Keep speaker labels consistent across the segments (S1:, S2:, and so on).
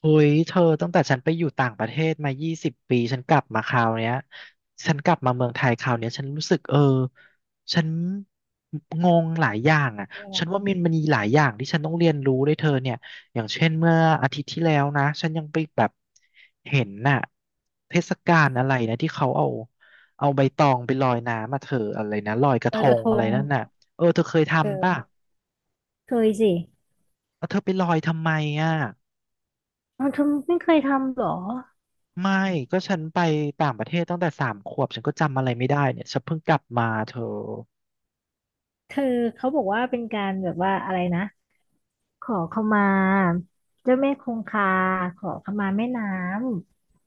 S1: เฮ้ยเธอตั้งแต่ฉันไปอยู่ต่างประเทศมา20 ปีฉันกลับมาคราวเนี้ยฉันกลับมาเมืองไทยคราวเนี้ยฉันรู้สึกเออฉันงงหลายอย่างอ่ะ
S2: เป็นยังไง
S1: ฉันว่ามันมีหลายอย่างที่ฉันต้องเรียนรู้ด้วยเธอเนี่ยอย่างเช่นเมื่ออาทิตย์ที่แล้วนะฉันยังไปแบบเห็นน่ะเทศกาลอะไรนะที่เขาเอาใบตองไปลอยน้ำมาเธออะไรนะลอยกระ
S2: ล
S1: ท
S2: อยกระ
S1: ง
S2: ท
S1: อะไร
S2: ง
S1: นั่นน่ะเออเธอเคย
S2: เ
S1: ทำป่ะ
S2: ออเคยสิ
S1: แล้วเธอไปลอยทำไมอ่ะ
S2: เอาเธอไม่เคยทำเหรอ
S1: ไม่ก็ฉันไปต่างประเทศตั้งแต่3 ขวบฉันก็จำอะไรไม่ได้เนี่ยฉันเพิ่งกลับมาเธอ
S2: เธอเขาบอกว่าเป็นการแบบว่าอะไรนะขอขมาเจ้าแม่คงคาขอขมาแม่น้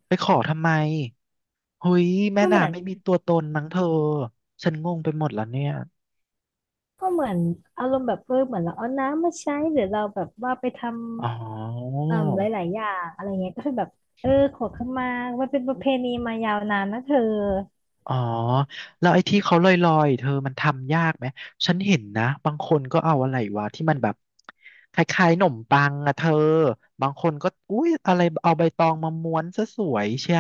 S1: ไปขอทำไมเฮ้ย
S2: ำ
S1: แม่
S2: ก็เหมือ
S1: น้ำ
S2: น
S1: ไม่มีตัวตนมั้งเธอฉันงงไปหมดแล้วเนี่ย
S2: ก็เหมือนอารมณ์แบบเออเหมือนเราเอาน้ำมาใช้หรือเราแบบว่าไปท
S1: อ๋อ
S2: ำหลายๆอย่างอะไรเงี้ยก็คือแบบเออขอขมามันเป็นประเพณีมายาวนานนะเธอ
S1: อ๋อแล้วไอ้ที่เขาลอยๆเธอมันทำยากไหมฉันเห็นนะบางคนก็เอาอะไรวะที่มันแบบคล้ายๆหนมปังอะเธอบางคนก็อุ้ยอะไรเอาใบตองมาม้วนซะสวยเชีย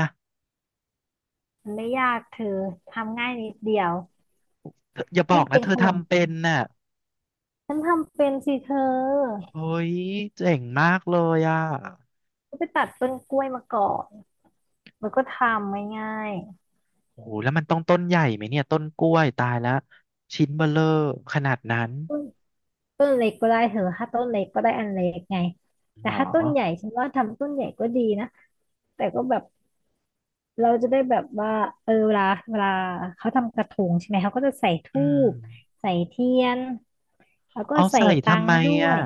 S2: มันไม่ยากเธอทำง่ายนิดเดียว
S1: เธออย่าบอ
S2: ยิ่
S1: ก
S2: ง
S1: นะ
S2: เป็น
S1: เธอ
S2: ขนม
S1: ทำเป็นน่ะ
S2: ฉันทำเป็นสิเธอ
S1: เฮ้ยเจ๋งมากเลยอ่ะ
S2: ก็ไปตัดต้นกล้วยมาก่อนแล้วก็ทำง่าย
S1: โอ้โหแล้วมันต้องต้นใหญ่ไหมเนี่ยต้นกล้วยตายแล้วชิ้นเบ้อเร่อขนาดนั้น
S2: ๆต้นเล็กก็ได้เถอะถ้าต้นเล็กก็ได้อันเล็กไงแต่
S1: เหรอ
S2: ถ้าต้นใหญ่ฉันว่าทำต้นใหญ่ก็ดีนะแต่ก็แบบเราจะได้แบบว่าเออเวลาเขาทำกระทงใช่ไหมเขาก็จะใส่
S1: อื
S2: ธู
S1: ม
S2: ปใส่เทียนแล้วก็
S1: เอา
S2: ใส่
S1: ใส่
S2: ตั
S1: ทำ
S2: ง
S1: ไม
S2: ค์ด้ว
S1: อ่ะ
S2: ย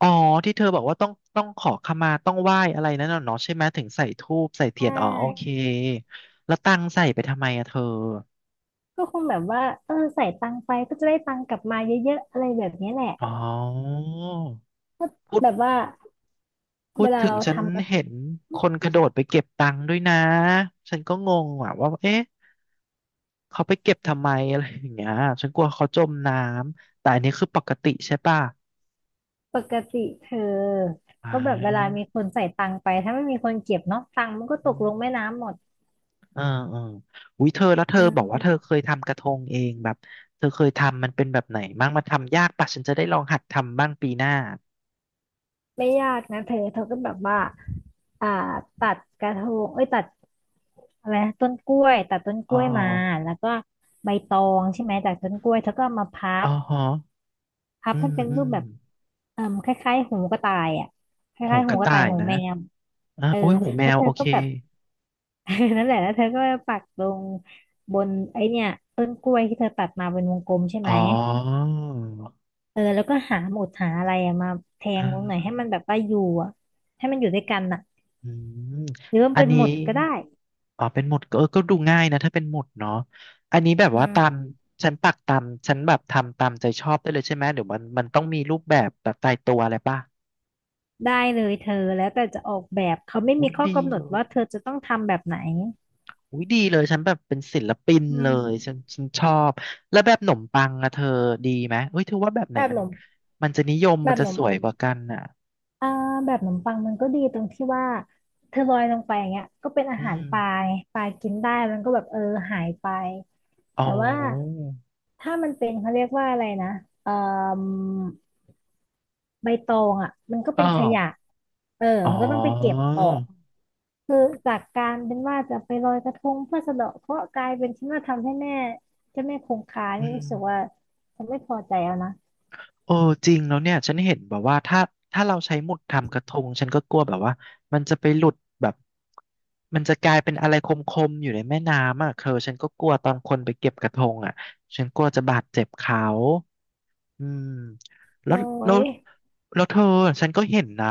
S1: อ๋อที่เธอบอกว่าต้องขอขมาต้องไหว้อะไรนั่นน่ะเนาะใช่ไหมถึงใส่ธูปใส่
S2: ใช
S1: เทียนอ๋อโอเค
S2: ่
S1: แล้วตังใส่ไปทำไมอ่ะเธอ
S2: ก็คงแบบว่าเออใส่ตังค์ไปก็จะได้ตังค์กลับมาเยอะๆอะไรแบบนี้แหละ
S1: อ๋อพูด
S2: แบบว่า
S1: พู
S2: เว
S1: ด
S2: ลา
S1: ถึง
S2: เรา
S1: ฉัน
S2: ทำกระ
S1: เห็นคนกระโดดไปเก็บตังค์ด้วยนะฉันก็งงว่ะว่าเอ๊ะ เขาไปเก็บทำไมอะไรอย่างเงี้ยฉันกลัวเขาจมน้ำแต่อันนี้คือปกติใช่ป่ะ
S2: ปกติเธอ
S1: อ่
S2: ก็แบบเวลา
S1: า
S2: มีคนใส่ตังค์ไปถ้าไม่มีคนเก็บเนาะตังค์มันก็ต
S1: อื
S2: กล
S1: ม
S2: งแม่น้ำหมด
S1: เออเอออุ้ยเธอแล้วเธอบอกว่าเธอเคยทำกระทงเองแบบเธอเคยทำมันเป็นแบบไหนบ้างมันทำยากป่ะฉันจะได้ลองหัดทำบ้างปีหน้า
S2: ไม่ยากนะเธอเธอก็แบบว่าอ่าตัดกระทงเอ้ยตัดอะไรนะต้นกล้วยตัดต้นก
S1: อ๋อ
S2: ล้วยมาแล้วก็ใบตองใช่ไหมจากต้นกล้วยเธอก็เอามาพั
S1: อ๋อ
S2: บ
S1: ฮะ
S2: พับ
S1: อื
S2: ให้
S1: ม
S2: เป็น
S1: อื
S2: รูป
S1: ม
S2: แบบคล้ายๆหูกระต่ายอ่ะค
S1: หู
S2: ล้ายๆ
S1: ก
S2: หู
S1: ระ
S2: กระ
S1: ต่า
S2: ต่าย
S1: ย
S2: หู
S1: นะ
S2: แมว
S1: อ่ะ
S2: เออ
S1: อุ้ยหูแม
S2: แล้ว
S1: ว
S2: เธอ
S1: โอเค
S2: ก็แบบ นั่นแหละแล้วเธอก็ปักลงบนไอเนี่ยต้นกล้วยที่เธอตัดมาเป็นวงกลมใช่ไห
S1: อ๋
S2: ม
S1: อ
S2: เออแล้วก็หาหมุดหาอะไรอะมาแท
S1: เอ
S2: งลงหน่อยให้มัน
S1: อ
S2: แบบว่าอยู่อะให้มันอยู่ด้วยกันน่ะ
S1: อืม
S2: หรือว่า
S1: อัน
S2: เป็น
S1: นี้
S2: หมุดก็ได้
S1: อ๋อเป็นหมุดก็เออก็ดูง่ายนะถ้าเป็นหมุดเนาะอันนี้แบบ
S2: อื
S1: ว่าตาม
S2: ม
S1: ฉันปักตามฉันแบบทำตามใจชอบได้เลยใช่ไหมเดี๋ยวมันมันต้องมีรูปแบบแบบตายตัวอะไรป่ะ
S2: ได้เลยเธอแล้วแต่จะออกแบบเขาไม่
S1: อุ้
S2: มี
S1: ย
S2: ข้อ
S1: ดี
S2: กำหน
S1: เล
S2: ด
S1: ย
S2: ว่าเธอจะต้องทำแบบไหน
S1: อุ้ยดีเลยฉันแบบเป็นศิลปิน
S2: อื
S1: เลยฉัน
S2: ม
S1: ฉันชอบแล้วแบบขนมปังอะเธอดีไหมเอ้ยเธอว่าแบบไหน
S2: แบบ
S1: มั
S2: หน
S1: น
S2: ม
S1: มันจะนิยม
S2: แบ
S1: มัน
S2: บ
S1: จะ
S2: หนม
S1: สวยกว่ากันอ่ะ
S2: อ่าแบบหนมปังมันก็ดีตรงที่ว่าเธอลอยลงไปอย่างเงี้ยก็เป็นอา
S1: อื
S2: หาร
S1: ม
S2: ปลาไงปลากินได้มันก็แบบเออหายไป
S1: อ๋อ
S2: แต่ว่าถ้ามันเป็นเขาเรียกว่าอะไรนะเอ่อใบตองอ่ะมันก็
S1: อ๋
S2: เป็
S1: อ
S2: นขยะเออ
S1: อ๋อ
S2: มันก็ต้องไปเก็บออกคือจากการเป็นว่าจะไปลอยกระทงเพื่อสะเดาะเคราะห์กลายเป็นที่ม่าทำให้แม่เจ้าแม่คงคา
S1: อื
S2: นี่
S1: ม
S2: รู้สึกว่าฉันไม่พอใจแล้วนะ
S1: เออจริงแล้วเนี่ยฉันเห็นแบบว่าถ้าเราใช้หมุดทำกระทงฉันก็กลัวแบบว่ามันจะไปหลุดแบบมันจะกลายเป็นอะไรคมๆอยู่ในแม่น้ำอ่ะเธอฉันก็กลัวตอนคนไปเก็บกระทงอ่ะฉันกลัวจะบาดเจ็บเขา อืมแล้
S2: โอ้
S1: วแล้ว
S2: ย
S1: แล้วเธอฉันก็เห็นนะ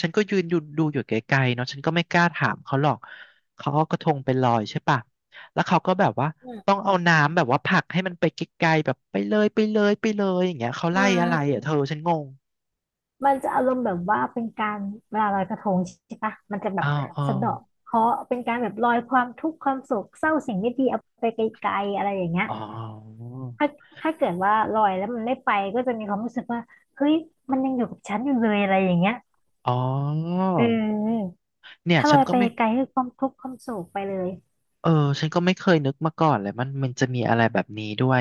S1: ฉันก็ยืนอยู่ดูอยู่ไกลๆเนาะฉันก็ไม่กล้าถามเขาหรอกเขาเอากระทงไปลอยใช่ปะแล้วเขาก็แบบว่า
S2: อื
S1: ต้อง
S2: ม
S1: เอาน้ำแบบว่าผลักให้มันไปไกลๆแบบไปเลยไปเลยไปเลยอย่างเงี้ยเขา
S2: อื
S1: ไล่อะไร
S2: ม
S1: อ่ะเธอฉันงง
S2: มันจะอารมณ์แบบว่าเป็นการเวลาลอยกระทงใช่ปะมันจะแบบ
S1: อ้าวอ้า
S2: สะ
S1: ว
S2: เดาะเคราะห์เป็นการแบบลอยความทุกข์ความโศกเศร้าสิ่งไม่ดีเอาไปไกลๆอะไรอย่างเงี้ย
S1: อ๋อ
S2: ถ้าถ้าเกิดว่าลอยแล้วมันไม่ไปก็จะมีความรู้สึกว่าเฮ้ยมันยังอยู่กับฉันอยู่เลยอะไรอย่างเงี้ย
S1: อ๋อ
S2: เออ
S1: เนี่ย
S2: ถ้าล
S1: ฉัน
S2: อย
S1: ก็
S2: ไป
S1: ไม่
S2: ไกลคือความทุกข์ความโศกไปเลย
S1: เออฉันก็ไม่เคยนึกมาก่อนเลยมันมันจะมีอะไรแบบนี้ด้วย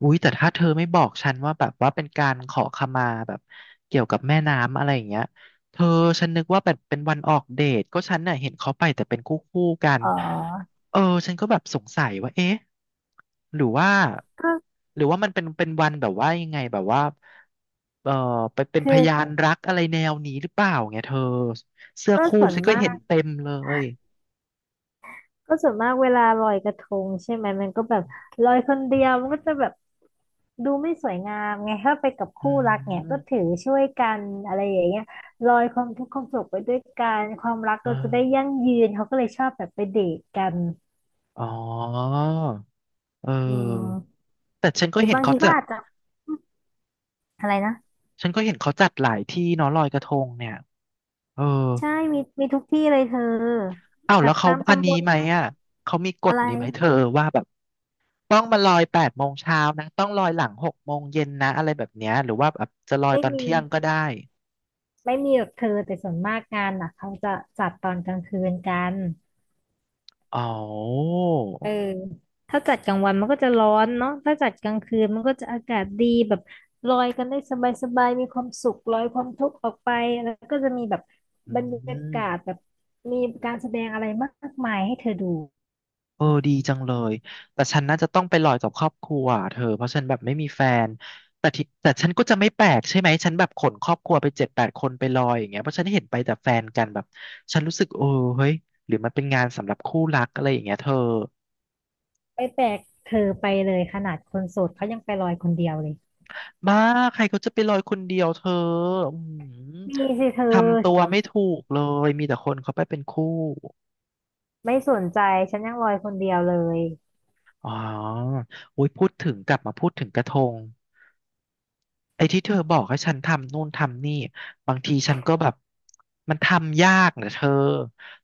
S1: อุ้ยแต่ถ้าเธอไม่บอกฉันว่าแบบว่าเป็นการขอขมาแบบเกี่ยวกับแม่น้ำอะไรอย่างเงี้ยเธอฉันนึกว่าแบบเป็นวันออกเดทก็ฉันน่ะเห็นเขาไปแต่เป็นคู่คู่กัน
S2: อ๋อ
S1: เออฉันก็แบบสงสัยว่าเอ๊ะหรือว่า
S2: ก็
S1: หรือว่ามันเป็นวันแบบว่ายังไงแบบว่าเออไปเป็น
S2: คื
S1: พ
S2: อ
S1: ยานรักอะไรแนวนี้หรือเปล่าไงเธอเสื้อ
S2: ก็
S1: คู่
S2: ส่วน
S1: ฉันก็
S2: มา
S1: เห็น
S2: ก
S1: เต็มเลย
S2: เวลาลอยกระทงใช่ไหมมันก็แบบลอยคนเดียวมันก็จะแบบดูไม่สวยงามไงถ้าไปกับ
S1: อื
S2: คู่รักเนี่ยก็ถื
S1: ม
S2: อช่วยกันอะไรอย่างเงี้ยลอยความทุกข์ความสุขไปด้วยกันความรัก
S1: เอ
S2: เราจะได้
S1: อ
S2: ยั่งยืนเขาก็เลยชอบแบบไปเดทกัน
S1: อ๋อเ
S2: อื
S1: ออ
S2: ม
S1: แต่ฉันก็
S2: หรือ
S1: เห็น
S2: บาง
S1: เขา
S2: ทีก็
S1: จัด
S2: อาจจะ อะไรนะ
S1: ฉันก็เห็นเขาจัดหลายที่เนาะลอยกระทงเนี่ยเออ
S2: ใช่มีทุกที่เลยเธอ
S1: อ้าว
S2: แบ
S1: แล้ว
S2: บ
S1: เขา
S2: ตาม
S1: อัน
S2: ตำบ
S1: นี้
S2: ล
S1: ไหม
S2: นะ
S1: อ่ะเขามีก
S2: อะ
S1: ฎ
S2: ไร
S1: นี้ไหมเธอว่าแบบต้องมาลอย8 โมงเช้านะต้องลอยหลัง6 โมงเย็นนะอะไรแบบเนี้ยหรือว่าแบบจะลอย
S2: ไม่
S1: ตอน
S2: มี
S1: เที่ยงก็ได้
S2: หรอกเธอแต่ส่วนมากงานน่ะเขาจะจัดตอนกลางคืนกัน
S1: อ๋อ
S2: เออถ้าจัดกลางวันมันก็จะร้อนเนาะถ้าจัดกลางคืนมันก็จะอากาศดีแบบลอยกันได้สบายๆมีความสุขลอยความทุกข์ออกไปแล้วก็จะมีแบบ
S1: อื
S2: บรรยา
S1: ม
S2: กาศแบบมีการแสดงอะไรมากมายให้เธอดู
S1: เออดีจังเลยแต่ฉันน่าจะต้องไปลอยกับครอบครัวอะเธอเพราะฉันแบบไม่มีแฟนแต่ที่แต่ฉันก็จะไม่แปลกใช่ไหมฉันแบบขนครอบครัวไป7-8 คนไปลอยอย่างเงี้ยเพราะฉันเห็นไปแต่แฟนกันแบบฉันรู้สึกเออเฮ้ยหรือมันเป็นงานสำหรับคู่รักอะไรอย่างเงี้ยเธอ
S2: ไปแปลกเธอไปเลยขนาดคนโสดเขายังไปลอยคนเดียวเลย
S1: บ้าใครเขาจะไปลอยคนเดียวเธออืม
S2: มีสิเธอ
S1: ทำตัวไม่ถูกเลยมีแต่คนเขาไปเป็นคู่
S2: ไม่สนใจฉันยังลอยคนเดียวเลย
S1: อ๋ออุ้ยพูดถึงกลับมาพูดถึงกระทง ไอ้ที่เธอบอกให้ฉันทำนู่นทำนี่บางทีฉันก็แบบมันทำยากเนะเธอ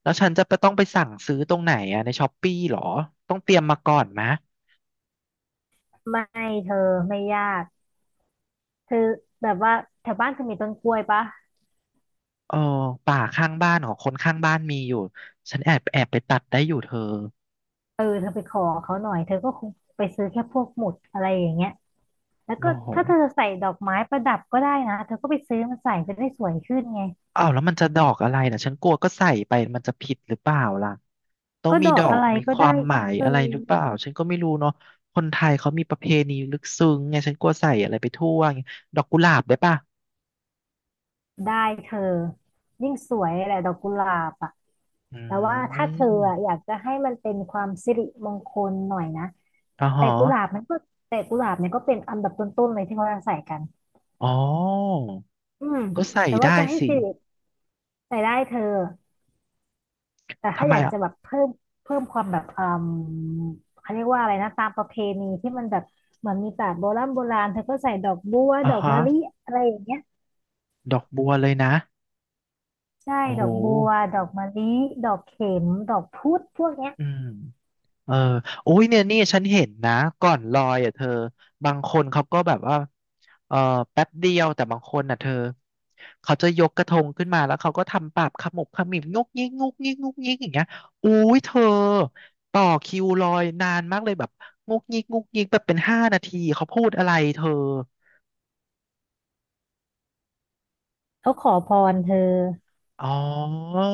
S1: แล้วฉันจะไปต้องไปสั่งซื้อตรงไหนอะในช้อปปี้หรอต้องเตรียมมาก่อนไหมะ
S2: ไม่เธอไม่ยากเธอแบบว่าแถวบ้านเธอมีต้นกล้วยปะ
S1: เออป่าข้างบ้านของคนข้างบ้านมีอยู่ฉันแอบไปตัดได้อยู่เธอ
S2: เออเธอไปขอเขาหน่อยเธอก็คงไปซื้อแค่พวกหมุดอะไรอย่างเงี้ยแล้ว
S1: โล
S2: ก็
S1: โห
S2: ถ้าเธอใส่ดอกไม้ประดับก็ได้นะเธอก็ไปซื้อมาใส่จะได้สวยขึ้นไง
S1: อ้าวแล้วมันจะดอกอะไรนะฉันกลัวก็ใส่ไปมันจะผิดหรือเปล่าล่ะต้อง
S2: ก็
S1: มี
S2: ดอ
S1: ด
S2: ก
S1: อ
S2: อะ
S1: ก
S2: ไร
S1: มี
S2: ก็
S1: ค
S2: ได้
S1: วามหมาย
S2: เธอ
S1: อะไรหรือเปล่าฉันก็ไม่รู้เนาะคนไทยเขามีประเพณีลึกซึ้งไงฉันกลัวใส่อะไรไปทั่วไงดอกกุหลาบได้ปะ
S2: ได้เธอยิ่งสวยแหละดอกกุหลาบอ่ะ
S1: อื
S2: แต่ว่าถ้าเธออะอยา
S1: ม
S2: กจะให้มันเป็นความสิริมงคลหน่อยนะ
S1: อ่
S2: แต่
S1: ฮะ
S2: กุหลาบมันก็แต่กุหลาบเนี่ยก็เป็นอันดับต้นๆเลยที่เขาจะใส่กัน
S1: อ๋อ
S2: อืม
S1: ก็ใส่
S2: แต่ว่า
S1: ได้
S2: จะให้
S1: สิ
S2: สิริใส่ได้เธอแต่ถ้า
S1: ทำไม
S2: อยาก
S1: อ่ะ
S2: จะแบบเพิ่มความแบบอืมเขาเรียกว่าอะไรนะตามประเพณีที่มันแบบเหมือนมีแต่โบราณเธอก็ใส่ดอกบัว
S1: อ่า
S2: ดอก
S1: ฮะ
S2: มะลิอะไรอย่างเงี้ย
S1: ดอกบัวเลยนะ
S2: ใช่
S1: โอ้
S2: ด
S1: โห
S2: อกบัวดอกมะลิดอกเข็มดอกพุดพวกเนี้ย
S1: อืมเออโอ้ยเนี่ยนี่ฉันเห็นนะก่อนลอยอ่ะเธอบางคนเขาก็แบบว่าเออแป๊บเดียวแต่บางคนอ่ะเธอเขาจะยกกระทงขึ้นมาแล้วเขาก็ทำปากขมุบขมิบงกงิกงกงิกงกงิกอย่างเงี้ยอุ้ยเธอต่อคิวลอยนานมากเลยแบบงกงิกงกงิกแบบเป็น5 นาทีเขาพูดอะไรเธอ
S2: เขาขอพรเธอ
S1: อ๋อ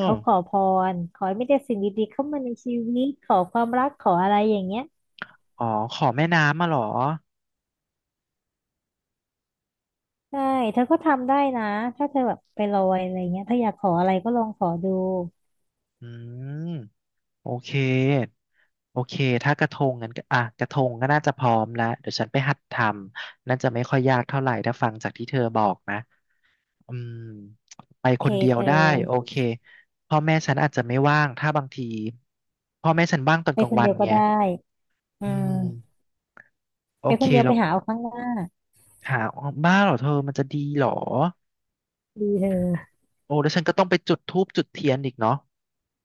S2: เขาขอพรขอให้ไม่แต่ได้สิ่งดีๆเข้ามาในชีวิตขอความรักขออะไรอย่างเงี้ย
S1: อ๋อขอแม่น้ำมาเหรอ
S2: ใช่เธอก็ทำได้นะถ้าเธอแบบไปลอยอะไรเงี้ยถ้าอยากขออะไรก็ลองขอดู
S1: อืมโอเคโอเคถ้ากระทงงั้นก็อ่ะกระทงก็น่าจะพร้อมแล้วเดี๋ยวฉันไปหัดทำน่าจะไม่ค่อยยากเท่าไหร่ถ้าฟังจากที่เธอบอกนะอืมไป
S2: โอ
S1: ค
S2: เค
S1: นเดีย
S2: เธ
S1: วได้โอ
S2: อ
S1: เคพ่อแม่ฉันอาจจะไม่ว่างถ้าบางทีพ่อแม่ฉันว่างตอน
S2: ไป
S1: กลาง
S2: คน
S1: วั
S2: เดี
S1: น
S2: ยวก็
S1: ไง
S2: ได้อื
S1: อื
S2: ม
S1: มโอ
S2: ไปค
S1: เค
S2: นเดียว
S1: แล้
S2: ไป
S1: ว
S2: หาเอาข้างหน้า
S1: หาบ้าเหรอเธอมันจะดีเหรอ
S2: ดีเธอ
S1: โอ้แล้วฉันก็ต้องไปจุดธูปจุดเทียนอีกเนาะ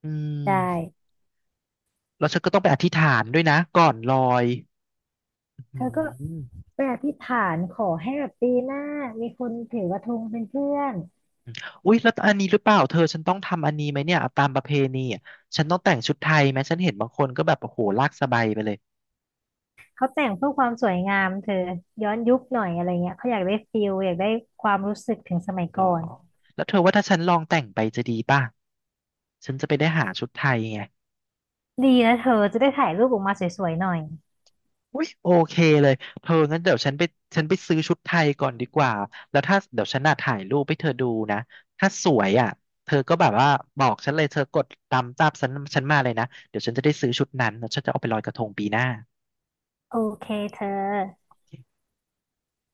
S1: อืม
S2: ได้
S1: แล้วฉันก็ต้องไปอธิษฐานด้วยนะก่อนลอยอื
S2: เธอก็
S1: ม
S2: ไปอธิษฐานขอให้แบบปีหน้ามีคนถือกระทงเป็นเพื่อน
S1: อุ๊ยแล้วอันนี้หรือเปล่าเธอฉันต้องทำอันนี้ไหมเนี่ยตามประเพณีอ่ะฉันต้องแต่งชุดไทยไหมฉันเห็นบางคนก็แบบโอ้โหลากสบายไปเลย
S2: เขาแต่งเพื่อความสวยงามเธอย้อนยุคหน่อยอะไรเงี้ยเขาอยากได้ฟิลอยากได้ความรู้สึกถึงสมัย
S1: หรอ
S2: ก่อน
S1: แล้วเธอว่าถ้าฉันลองแต่งไปจะดีป่ะฉันจะไปได้หาชุดไทยไง
S2: ดีนะเธอจะได้ถ่ายรูปออกมาสวยๆหน่อย
S1: อุ้ยโอเคเลยเธองั้นเดี๋ยวฉันไปฉันไปซื้อชุดไทยก่อนดีกว่าแล้วถ้าเดี๋ยวฉันน่ะถ่ายรูปให้เธอดูนะถ้าสวยอ่ะเธอก็แบบว่าบอกฉันเลยเธอกดตามฉันฉันมาเลยนะเดี๋ยวฉันจะได้ซื้อชุดนั้นแล้วฉันจะเอาไปลอยกระทงปีหน้า
S2: โอเคเธอ